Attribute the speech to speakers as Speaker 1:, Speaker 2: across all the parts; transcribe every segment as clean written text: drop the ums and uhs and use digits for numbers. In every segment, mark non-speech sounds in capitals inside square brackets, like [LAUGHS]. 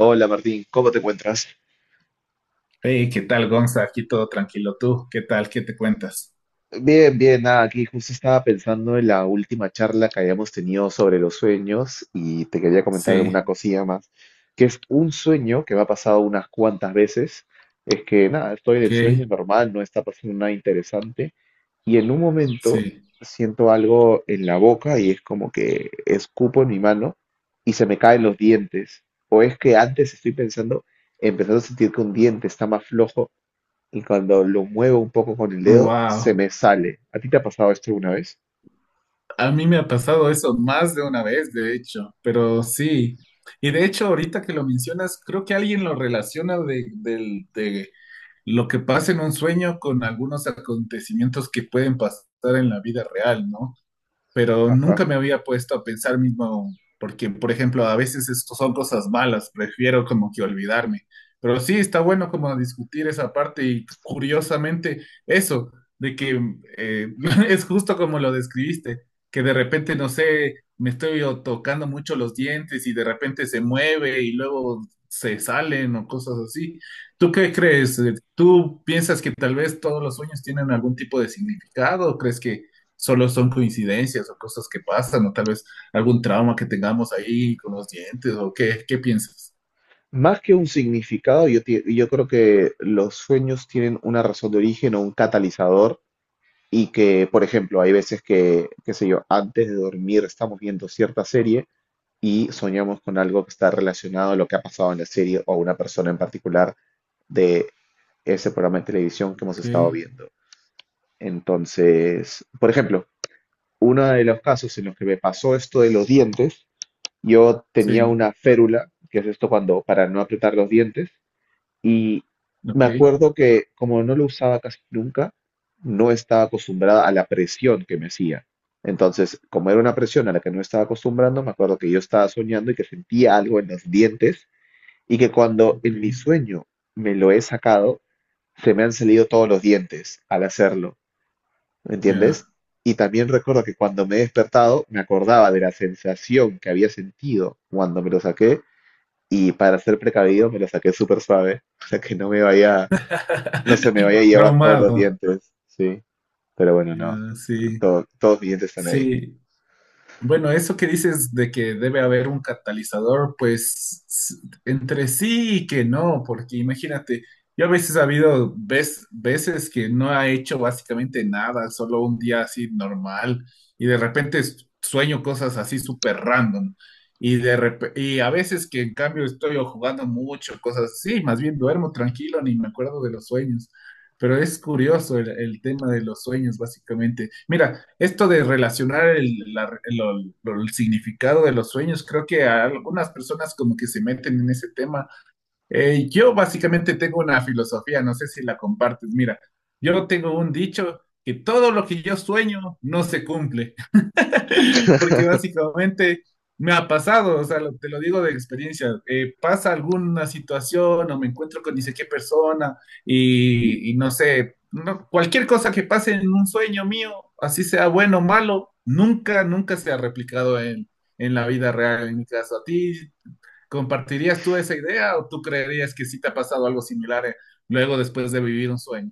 Speaker 1: Hola Martín, ¿cómo te encuentras?
Speaker 2: Hey, ¿qué tal, Gonza? Aquí todo tranquilo. ¿Tú qué tal? ¿Qué te cuentas?
Speaker 1: Bien, bien, nada, aquí justo estaba pensando en la última charla que habíamos tenido sobre los sueños y te quería comentar alguna
Speaker 2: Sí,
Speaker 1: cosilla más, que es un sueño que me ha pasado unas cuantas veces, es que nada, estoy en el sueño
Speaker 2: ¿qué?
Speaker 1: normal, no está pasando nada interesante y en un momento
Speaker 2: Sí.
Speaker 1: siento algo en la boca y es como que escupo en mi mano y se me caen los dientes, o es que antes estoy pensando, empezando a sentir que un diente está más flojo y cuando lo muevo un poco con el dedo, se
Speaker 2: Wow.
Speaker 1: me sale. ¿A ti te ha pasado esto alguna vez?
Speaker 2: A mí me ha pasado eso más de una vez, de hecho, pero sí. Y de hecho, ahorita que lo mencionas, creo que alguien lo relaciona de lo que pasa en un sueño con algunos acontecimientos que pueden pasar en la vida real, ¿no? Pero
Speaker 1: Ajá.
Speaker 2: nunca me había puesto a pensar mismo, porque, por ejemplo, a veces esto son cosas malas, prefiero como que olvidarme. Pero sí, está bueno como discutir esa parte y curiosamente eso, de que eh, [LAUGHS] es justo como lo describiste, que de repente, no sé, me estoy o tocando mucho los dientes y de repente se mueve y luego se salen o cosas así. ¿Tú qué crees? ¿Tú piensas que tal vez todos los sueños tienen algún tipo de significado? ¿O crees que solo son coincidencias o cosas que pasan, o tal vez algún trauma que tengamos ahí con los dientes, o qué, ¿qué piensas?
Speaker 1: Más que un significado, yo creo que los sueños tienen una razón de origen o un catalizador y que, por ejemplo, hay veces que, qué sé yo, antes de dormir estamos viendo cierta serie y soñamos con algo que está relacionado a lo que ha pasado en la serie o a una persona en particular de ese programa de televisión que hemos
Speaker 2: Ok,
Speaker 1: estado viendo. Entonces, por ejemplo, uno de los casos en los que me pasó esto de los dientes, yo tenía
Speaker 2: sí,
Speaker 1: una férula, que es esto cuando, para no apretar los dientes, y me
Speaker 2: ok,
Speaker 1: acuerdo que como no lo usaba casi nunca, no estaba acostumbrada a la presión que me hacía. Entonces, como era una presión a la que no estaba acostumbrando, me acuerdo que yo estaba soñando y que sentía algo en los dientes y que cuando
Speaker 2: ok,
Speaker 1: en mi sueño me lo he sacado, se me han salido todos los dientes al hacerlo. ¿Me
Speaker 2: ya.
Speaker 1: entiendes? Y también recuerdo que cuando me he despertado me acordaba de la sensación que había sentido cuando me lo saqué y para ser precavido me lo saqué súper suave, [LAUGHS] o sea que no me vaya, no se me vaya a llevar todos los
Speaker 2: Traumado,
Speaker 1: dientes, sí, pero bueno,
Speaker 2: ya,
Speaker 1: no,
Speaker 2: sí,
Speaker 1: todos mis dientes están ahí.
Speaker 2: sí. Bueno, eso que dices de que debe haber un catalizador, pues entre sí y que no, porque imagínate, yo a veces ha habido veces que no ha hecho básicamente nada, solo un día así normal, y de repente sueño cosas así súper random, y, y a veces que en cambio estoy o jugando mucho, cosas así, más bien duermo tranquilo, ni me acuerdo de los sueños. Pero es curioso el tema de los sueños, básicamente. Mira, esto de relacionar el, la- lo- el significado de los sueños, creo que a algunas personas como que se meten en ese tema. Yo básicamente tengo una filosofía, no sé si la compartes. Mira, yo tengo un dicho que todo lo que yo sueño no se cumple. [LAUGHS] Porque
Speaker 1: [LAUGHS]
Speaker 2: básicamente me ha pasado, o sea, te lo digo de experiencia, pasa alguna situación o me encuentro con ni sé qué persona y, no sé, cualquier cosa que pase en un sueño mío, así sea bueno o malo, nunca, nunca se ha replicado en, la vida real, en mi caso. ¿A ti compartirías tú esa idea o tú creerías que sí te ha pasado algo similar luego después de vivir un sueño?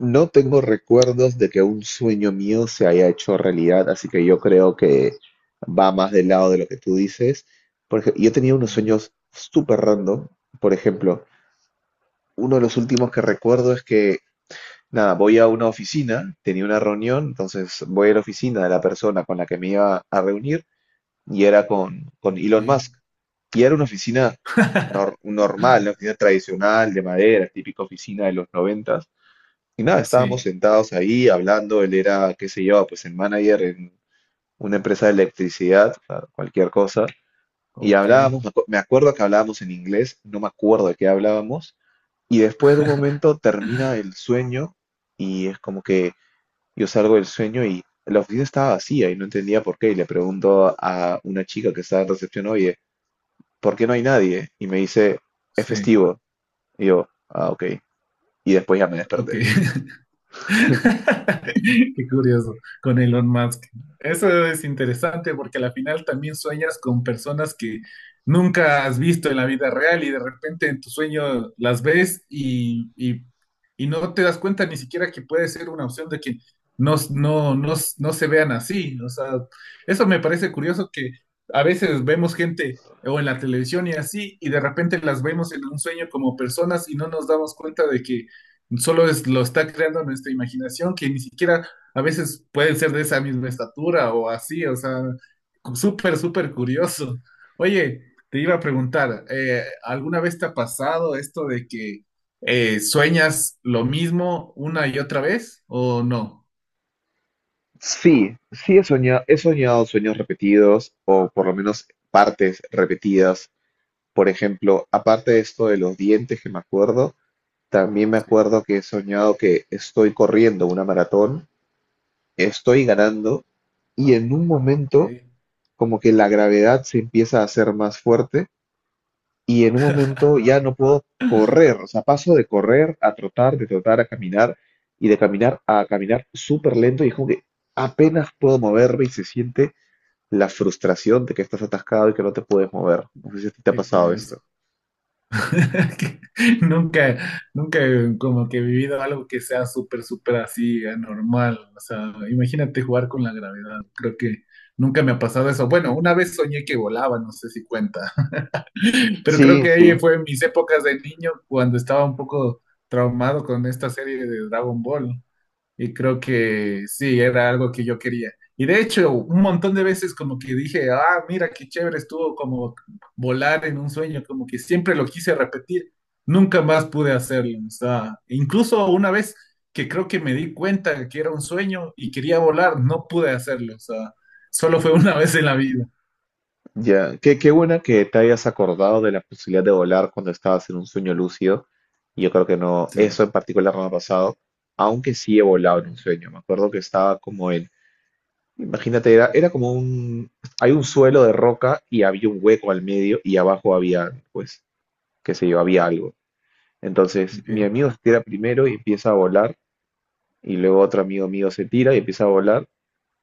Speaker 1: No tengo recuerdos de que un sueño mío se haya hecho realidad, así que yo creo que va más del lado de lo que tú dices. Porque yo tenía unos
Speaker 2: Ya,
Speaker 1: sueños súper random. Por ejemplo, uno de los últimos que recuerdo es que, nada, voy a una oficina, tenía una reunión, entonces voy a la oficina de la persona con la que me iba a reunir y era con
Speaker 2: ok.
Speaker 1: Elon Musk. Y era una oficina
Speaker 2: [LAUGHS]
Speaker 1: normal, una oficina tradicional de madera, típica oficina de los noventas. Y nada, estábamos
Speaker 2: Sí,
Speaker 1: sentados ahí hablando, él era, qué sé yo, pues el manager en una empresa de electricidad, o sea, cualquier cosa. Y
Speaker 2: ok,
Speaker 1: hablábamos, me acuerdo que hablábamos en inglés, no me acuerdo de qué hablábamos, y después de un momento termina el sueño y es como que yo salgo del sueño y la oficina estaba vacía y no entendía por qué. Y le pregunto a una chica que estaba en recepción, oye, ¿por qué no hay nadie? Y me dice, es
Speaker 2: sí.
Speaker 1: festivo. Y yo, ah, ok. Y después ya me
Speaker 2: Ok.
Speaker 1: desperté.
Speaker 2: [LAUGHS] Qué curioso, con Elon Musk. Eso es interesante porque a la final también sueñas con personas que nunca has visto en la vida real y de repente en tu sueño las ves y, no te das cuenta ni siquiera que puede ser una opción de que no, no, no, no se vean así. O sea, eso me parece curioso que a veces vemos gente o en la televisión y así y de repente las vemos en un sueño como personas y no nos damos cuenta de que solo es, lo está creando nuestra imaginación, que ni siquiera a veces pueden ser de esa misma estatura o así, o sea, súper, súper curioso. Oye, te iba a preguntar, ¿alguna vez te ha pasado esto de que sueñas lo mismo una y otra vez o no?
Speaker 1: Sí, sí he soñado sueños repetidos o por lo menos partes repetidas. Por ejemplo, aparte de esto de los dientes que me acuerdo, también me
Speaker 2: Sí,
Speaker 1: acuerdo que he soñado que estoy corriendo una maratón, estoy ganando y en un momento
Speaker 2: qué,
Speaker 1: como que la gravedad se empieza a hacer más fuerte y en un momento ya no puedo correr, o sea, paso de correr a trotar, de trotar a caminar y de caminar a caminar súper lento y es como que apenas puedo moverme y se siente la frustración de que estás atascado y que no te puedes mover. No sé si a ti te ha
Speaker 2: qué
Speaker 1: pasado esto.
Speaker 2: curioso. [LAUGHS] Que Nunca, nunca como que he vivido algo que sea súper, súper así, anormal. O sea, imagínate jugar con la gravedad. Creo que nunca me ha pasado eso. Bueno, una vez soñé que volaba, no sé si cuenta, [LAUGHS] pero creo
Speaker 1: Sí,
Speaker 2: que
Speaker 1: sí.
Speaker 2: ahí fue en mis épocas de niño cuando estaba un poco traumado con esta serie de Dragon Ball. Y creo que sí, era algo que yo quería. Y de hecho, un montón de veces como que dije, ah, mira qué chévere estuvo como volar en un sueño, como que siempre lo quise repetir. Nunca más pude hacerlo. O sea, incluso una vez que creo que me di cuenta que era un sueño y quería volar, no pude hacerlo. O sea, solo fue una vez en la vida.
Speaker 1: Ya, qué, qué buena que te hayas acordado de la posibilidad de volar cuando estabas en un sueño lúcido. Y yo creo que no, eso
Speaker 2: Sí,
Speaker 1: en particular no me ha pasado, aunque sí he volado en un
Speaker 2: sí,
Speaker 1: sueño. Me acuerdo que estaba como en, imagínate, era como un, hay un suelo de roca y había un hueco al medio y abajo había, pues, qué sé yo, había algo. Entonces,
Speaker 2: ok,
Speaker 1: mi amigo se tira primero y empieza a volar, y luego otro amigo mío se tira y empieza a volar.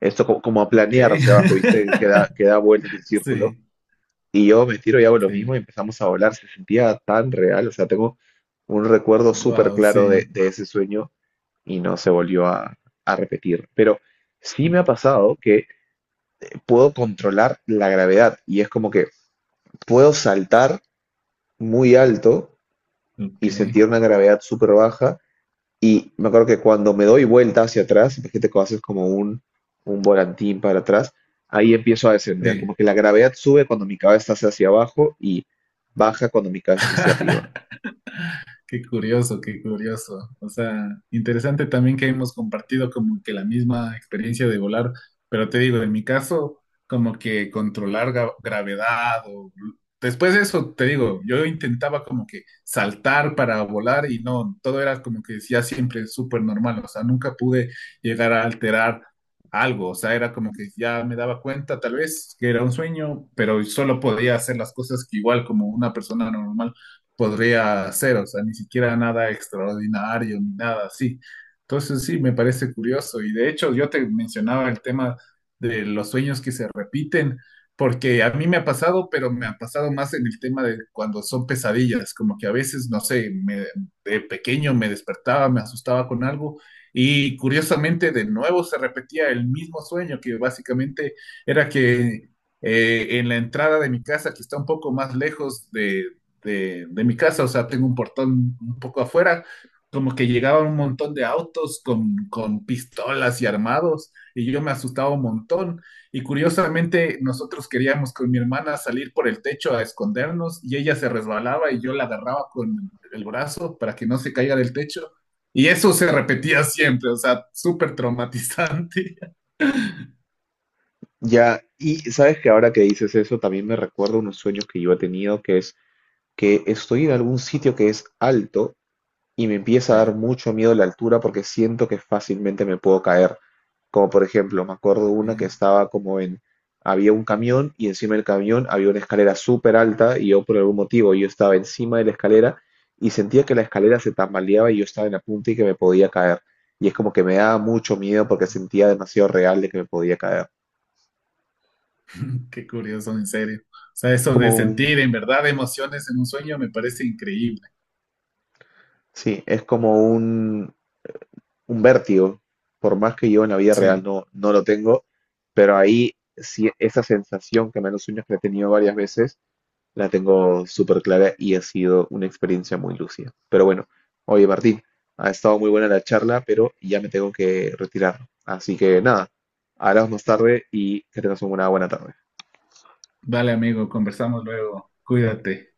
Speaker 1: Esto como, como a
Speaker 2: ok.
Speaker 1: planear hacia abajo, ¿viste? Que
Speaker 2: [LAUGHS]
Speaker 1: da, que da vueltas el círculo.
Speaker 2: Sí,
Speaker 1: Y yo me tiro y hago lo mismo y
Speaker 2: sí,
Speaker 1: empezamos a volar. Se sentía tan real. O sea, tengo un recuerdo súper
Speaker 2: wow,
Speaker 1: claro
Speaker 2: sí,
Speaker 1: de ese sueño y no se volvió a repetir. Pero sí me ha pasado que puedo controlar la gravedad y es como que puedo saltar muy alto
Speaker 2: ok,
Speaker 1: y sentir una gravedad súper baja. Y me acuerdo que cuando me doy vuelta hacia atrás, imagínate que haces como un volantín para atrás, ahí empiezo a descender.
Speaker 2: sí.
Speaker 1: Como que la gravedad sube cuando mi cabeza está hacia abajo y baja cuando mi cabeza está hacia arriba.
Speaker 2: [LAUGHS] Qué curioso, qué curioso. O sea, interesante también que hemos compartido como que la misma experiencia de volar, pero te digo, en mi caso, como que controlar gravedad o... Después de eso, te digo, yo intentaba como que saltar para volar y no, todo era como que ya siempre súper normal, o sea, nunca pude llegar a alterar algo, o sea, era como que ya me daba cuenta tal vez que era un sueño, pero solo podía hacer las cosas que igual como una persona normal podría hacer, o sea, ni siquiera nada extraordinario ni nada así. Entonces sí, me parece curioso y de hecho yo te mencionaba el tema de los sueños que se repiten, porque a mí me ha pasado, pero me ha pasado más en el tema de cuando son pesadillas, como que a veces, no sé, de pequeño me despertaba, me asustaba con algo y curiosamente de nuevo se repetía el mismo sueño que básicamente era que en la entrada de mi casa, que está un poco más lejos de mi casa, o sea, tengo un portón un poco afuera, como que llegaban un montón de autos con pistolas y armados, y yo me asustaba un montón. Y curiosamente, nosotros queríamos con mi hermana salir por el techo a escondernos, y ella se resbalaba y yo la agarraba con el brazo para que no se caiga del techo. Y eso se repetía siempre, o sea, súper traumatizante. [LAUGHS]
Speaker 1: Ya, y sabes que ahora que dices eso, también me recuerda unos sueños que yo he tenido, que es que estoy en algún sitio que es alto y me empieza a dar
Speaker 2: Sí,
Speaker 1: mucho miedo la altura porque siento que fácilmente me puedo caer. Como por ejemplo, me acuerdo una que
Speaker 2: sí,
Speaker 1: estaba como en, había un camión y encima del camión había una escalera súper alta y yo por algún motivo yo estaba encima de la escalera y sentía que la escalera se tambaleaba y yo estaba en la punta y que me podía caer. Y es como que me daba mucho miedo porque sentía demasiado real de que me podía caer.
Speaker 2: [LAUGHS] qué curioso, en serio. O sea, eso de
Speaker 1: Como un,
Speaker 2: sentir en verdad emociones en un sueño me parece increíble.
Speaker 1: sí, es como un vértigo, por más que yo en la vida real
Speaker 2: Sí.
Speaker 1: no, no lo tengo, pero ahí sí esa sensación que me da en los sueños que he tenido varias veces, la tengo súper clara y ha sido una experiencia muy lúcida. Pero bueno, oye Martín, ha estado muy buena la charla, pero ya me tengo que retirar. Así que nada, hablamos más tarde y que tengas una buena tarde.
Speaker 2: Vale, amigo, conversamos luego. Cuídate.